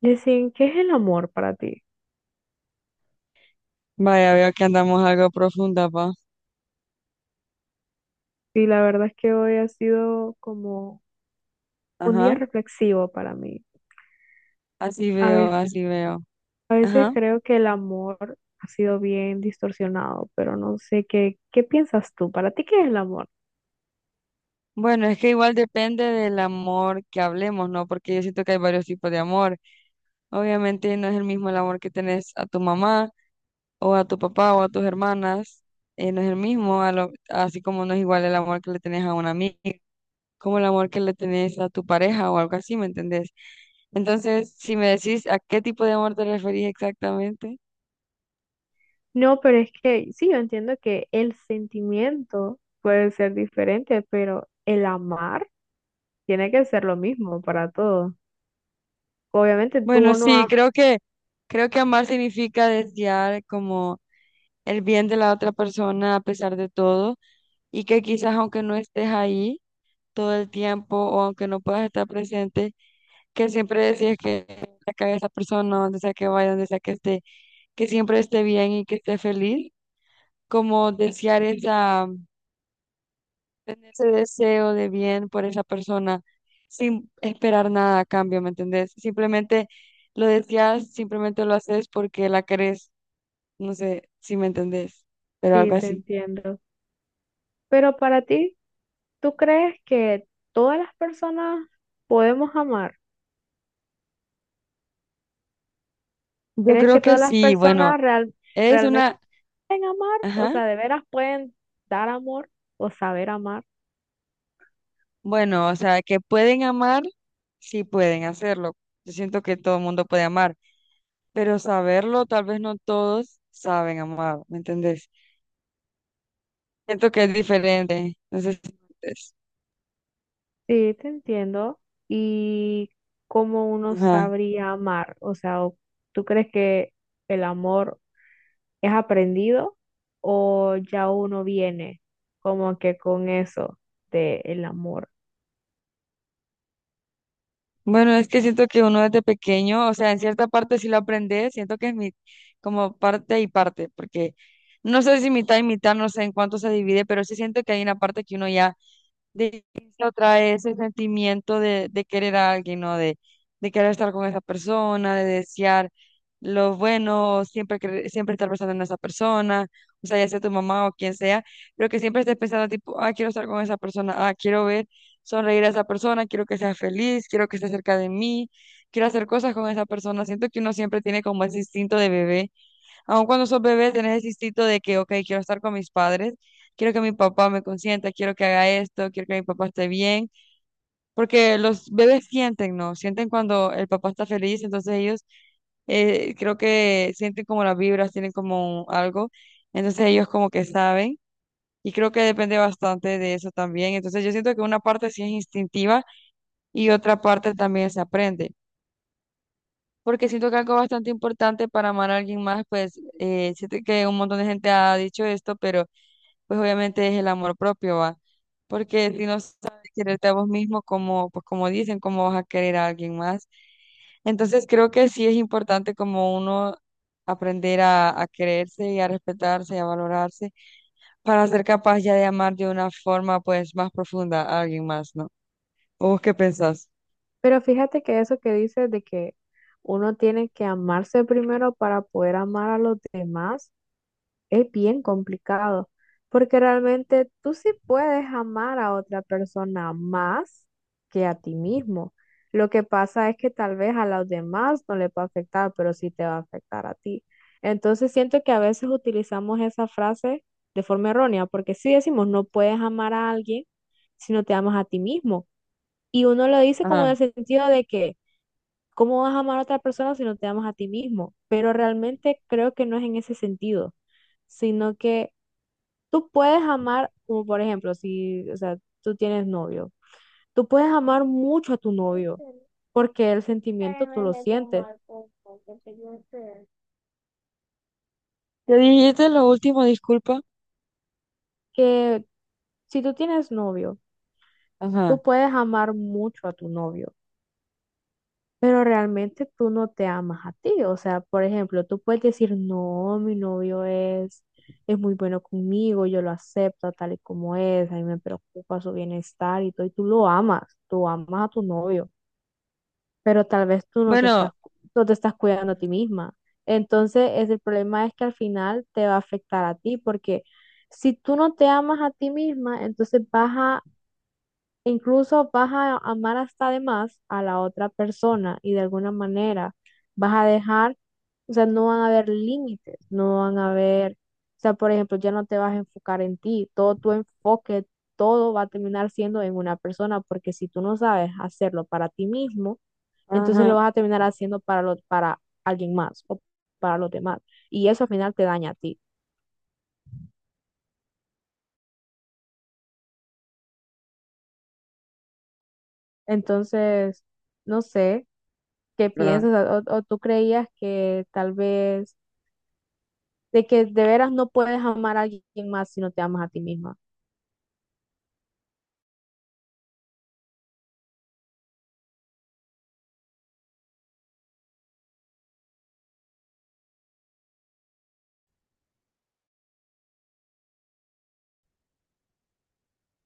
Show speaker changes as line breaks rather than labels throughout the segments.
Yesín, ¿qué es el amor para ti?
Vaya, veo que andamos algo profunda, pa.
Y la verdad es que hoy ha sido como un día
Ajá.
reflexivo para mí.
Así
A
veo,
veces,
así veo.
a veces
Ajá.
creo que el amor ha sido bien distorsionado, pero no sé qué piensas tú. ¿Para ti qué es el amor?
Bueno, es que igual depende del amor que hablemos, ¿no? Porque yo siento que hay varios tipos de amor. Obviamente no es el mismo el amor que tenés a tu mamá o a tu papá o a tus hermanas. No es el mismo, así como no es igual el amor que le tenés a una amiga, como el amor que le tenés a tu pareja o algo así, ¿me entendés? Entonces, si me decís a qué tipo de amor te referís exactamente.
No, pero es que sí, yo entiendo que el sentimiento puede ser diferente, pero el amar tiene que ser lo mismo para todos. Obviamente tú
Bueno,
no
sí,
amas,
creo que amar significa desear como el bien de la otra persona a pesar de todo y que quizás aunque no estés ahí todo el tiempo o aunque no puedas estar presente, que siempre decías que acá esa persona, donde sea que vaya, donde sea que esté, que siempre esté bien y que esté feliz, como desear esa tener ese deseo de bien por esa persona sin esperar nada a cambio, ¿me entendés? Simplemente lo deseas, simplemente lo haces porque la querés, no sé si me entendés, pero
sí,
algo
te
así.
entiendo. Pero para ti. ¿Tú crees que todas las personas podemos amar?
Yo
¿Crees que
creo que
todas las
sí, bueno,
personas real-
es
¿Realmente
una,
pueden amar? O
ajá,
sea, ¿de veras pueden dar amor o saber amar?
bueno, o sea, que pueden amar, sí pueden hacerlo. Yo siento que todo el mundo puede amar, pero saberlo, tal vez no todos saben amar, ¿me entendés? Siento que es diferente, no sé si me entendés.
Sí, te entiendo. ¿Y cómo uno
Ajá.
sabría amar? O sea, ¿o ¿Tú crees que el amor es aprendido o ya uno viene como que con eso del amor?
Bueno, es que siento que uno desde pequeño, o sea, en cierta parte sí lo aprende, siento que es mi, como parte y parte, porque no sé si mitad y mitad, no sé en cuánto se divide, pero sí siento que hay una parte que uno ya de la otra ese sentimiento de querer a alguien, ¿no? De querer estar con esa persona, de desear lo bueno, siempre, siempre estar pensando en esa persona, o sea, ya sea tu mamá o quien sea, pero que siempre estés pensando tipo, ah, quiero estar con esa persona, ah, quiero ver sonreír a esa persona, quiero que sea feliz, quiero que esté cerca de mí, quiero hacer cosas con esa persona. Siento que uno siempre tiene como ese instinto de bebé. Aun cuando sos bebé, tenés el instinto de que, ok, quiero estar con mis padres, quiero que mi papá me consienta, quiero que haga esto, quiero que mi papá esté bien, porque los bebés sienten, ¿no? Sienten cuando el papá está feliz, entonces ellos creo que sienten como las vibras, tienen como algo, entonces ellos como que saben. Y creo que depende bastante de eso también. Entonces yo siento que una parte sí es instintiva y otra parte también se aprende porque siento que algo bastante importante para amar a alguien más, pues siento que un montón de gente ha dicho esto, pero pues obviamente es el amor propio, ¿va? Porque si no sabes quererte a vos mismo, como, pues como dicen, ¿cómo vas a querer a alguien más? Entonces creo que sí es importante como uno aprender a quererse y a respetarse y a valorarse para ser capaz ya de amar de una forma pues más profunda a alguien más, ¿no? ¿O vos qué pensás?
Pero fíjate que eso que dices de que uno tiene que amarse primero para poder amar a los demás es bien complicado, porque realmente tú sí puedes amar a otra persona más que a ti mismo. Lo que pasa es que tal vez a los demás no les va a afectar, pero sí te va a afectar a ti. Entonces siento que a veces utilizamos esa frase de forma errónea, porque sí decimos no puedes amar a alguien si no te amas a ti mismo. Y uno lo dice como en
Ajá.
el sentido de que ¿cómo vas a amar a otra persona si no te amas a ti mismo? Pero realmente creo que no es en ese sentido, sino que tú puedes amar, como por ejemplo, si, o sea, tú tienes novio, tú puedes amar mucho a tu novio, porque el sentimiento tú lo sientes,
¿Te dijiste lo último? Disculpa.
que si tú tienes novio,
Ajá.
tú puedes amar mucho a tu novio. Pero realmente tú no te amas a ti. O sea, por ejemplo, tú puedes decir, no, mi novio es muy bueno conmigo, yo lo acepto tal y como es, a mí me preocupa su bienestar y todo, y tú lo amas, tú amas a tu novio, pero tal vez tú no te
Bueno.
estás, no te estás cuidando a ti misma. Entonces, es, el problema es que al final te va a afectar a ti, porque si tú no te amas a ti misma, entonces vas a e incluso vas a amar hasta de más a la otra persona y de alguna manera vas a dejar, o sea, no van a haber límites, no van a haber, o sea, por ejemplo, ya no te vas a enfocar en ti, todo tu enfoque, todo va a terminar siendo en una persona, porque si tú no sabes hacerlo para ti mismo, entonces lo
Ajá,
vas a terminar haciendo para alguien más o para los demás. Y eso al final te daña a ti. Entonces, no sé qué
¿verdad?
piensas o tú creías que tal vez de que de veras no puedes amar a alguien más si no te amas a ti misma.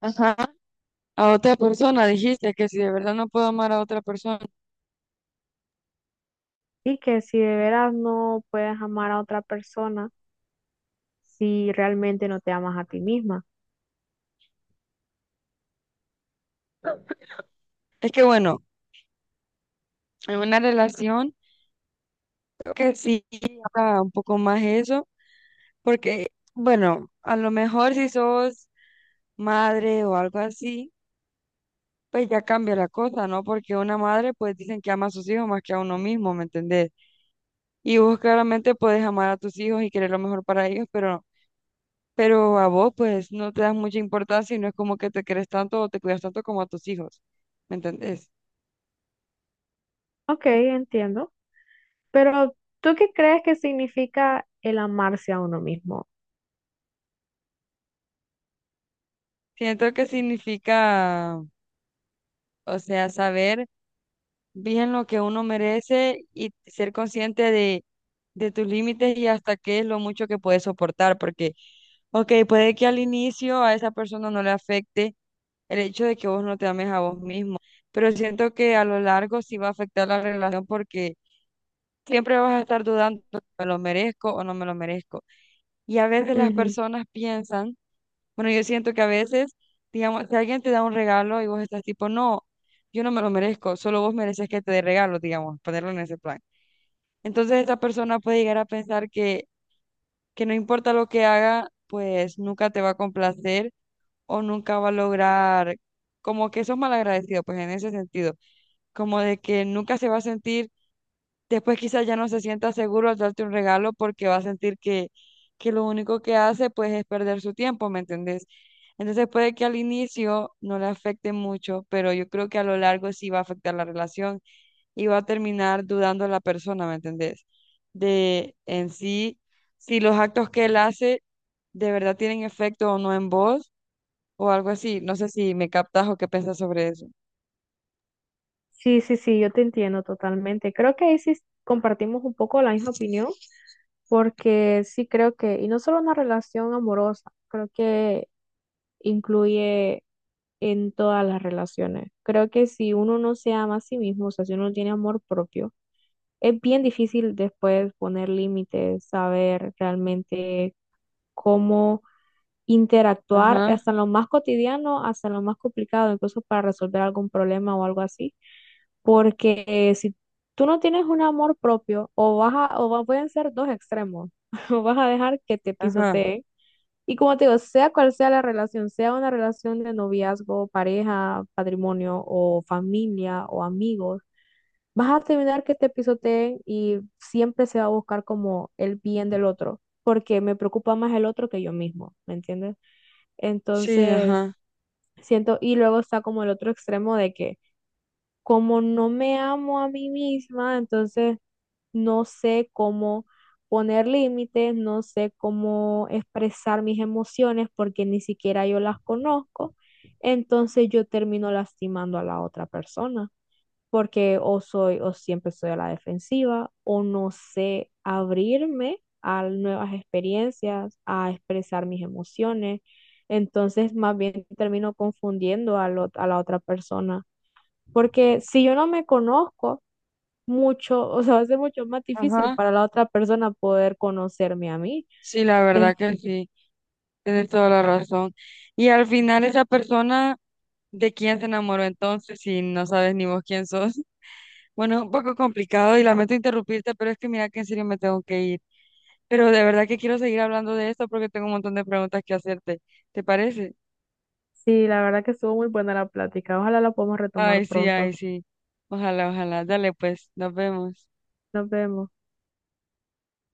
Ajá. A otra persona dijiste que si de verdad no puedo amar a otra persona.
Y que si de veras no puedes amar a otra persona si realmente no te amas a ti misma.
Es que bueno, en una relación creo que sí está un poco más eso, porque bueno, a lo mejor si sos madre o algo así, pues ya cambia la cosa, ¿no? Porque una madre, pues dicen que ama a sus hijos más que a uno mismo, ¿me entendés? Y vos claramente puedes amar a tus hijos y querer lo mejor para ellos, pero a vos pues no te das mucha importancia y no es como que te querés tanto o te cuidas tanto como a tus hijos, ¿me entendés?
Ok, entiendo. Pero ¿tú qué crees que significa el amarse a uno mismo?
Siento que significa, o sea, saber bien lo que uno merece y ser consciente de tus límites y hasta qué es lo mucho que puedes soportar, porque, ok, puede que al inicio a esa persona no le afecte el hecho de que vos no te ames a vos mismo, pero siento que a lo largo sí va a afectar la relación porque siempre vas a estar dudando, si ¿me lo merezco o no me lo merezco? Y a veces las
Ujú.
personas piensan, bueno, yo siento que a veces, digamos, si alguien te da un regalo y vos estás tipo, no, yo no me lo merezco, solo vos mereces que te dé regalo, digamos, ponerlo en ese plan. Entonces esa persona puede llegar a pensar que no importa lo que haga, pues nunca te va a complacer o nunca va a lograr, como que sos malagradecido, pues en ese sentido, como de que nunca se va a sentir. Después quizás ya no se sienta seguro al darte un regalo porque va a sentir que lo único que hace pues es perder su tiempo, ¿me entendés? Entonces puede que al inicio no le afecte mucho, pero yo creo que a lo largo sí va a afectar la relación y va a terminar dudando la persona, ¿me entendés? De en sí, si los actos que él hace de verdad tienen efecto o no en vos o algo así. No sé si me captas o qué piensas sobre eso.
Sí, sí, sí, yo te entiendo totalmente. Creo que ahí sí compartimos un poco la misma opinión, porque sí creo que, y no solo una relación amorosa, creo que incluye en todas las relaciones. Creo que si uno no se ama a sí mismo, o sea, si uno no tiene amor propio, es bien difícil después poner límites, saber realmente cómo interactuar
Ajá,
hasta en lo más cotidiano, hasta en lo más complicado, incluso para resolver algún problema o algo así. Porque si tú no tienes un amor propio, o vas a- o va- pueden ser dos extremos, o vas a dejar que te
ajá,
pisoteen y como te digo, sea cual sea la relación, sea una relación de noviazgo, pareja, patrimonio o familia o amigos, vas a terminar que te pisoteen y siempre se va a buscar como el bien del otro, porque me preocupa más el otro que yo mismo, ¿me entiendes?
sí,
Entonces,
ajá,
siento, y luego está como el otro extremo de que como no me amo a mí misma, entonces no sé cómo poner límites, no sé cómo expresar mis emociones porque ni siquiera yo las conozco, entonces yo termino lastimando a la otra persona porque o siempre soy a la defensiva o no sé abrirme a nuevas experiencias, a expresar mis emociones. Entonces, más bien termino confundiendo a, a la otra persona, porque si yo no me conozco, mucho, o sea, va a ser mucho más difícil
ajá,
para la otra persona poder conocerme a mí.
sí, la verdad
En-
que sí. Tienes toda la razón. Y al final esa persona ¿de quién se enamoró entonces si no sabes ni vos quién sos? Bueno, un poco complicado y lamento interrumpirte, pero es que mira que en serio me tengo que ir. Pero de verdad que quiero seguir hablando de esto porque tengo un montón de preguntas que hacerte. ¿Te parece?
sí, la verdad que estuvo muy buena la plática. Ojalá la podamos retomar
Ay, sí, ay,
pronto.
sí. Ojalá, ojalá. Dale, pues, nos vemos.
Nos vemos.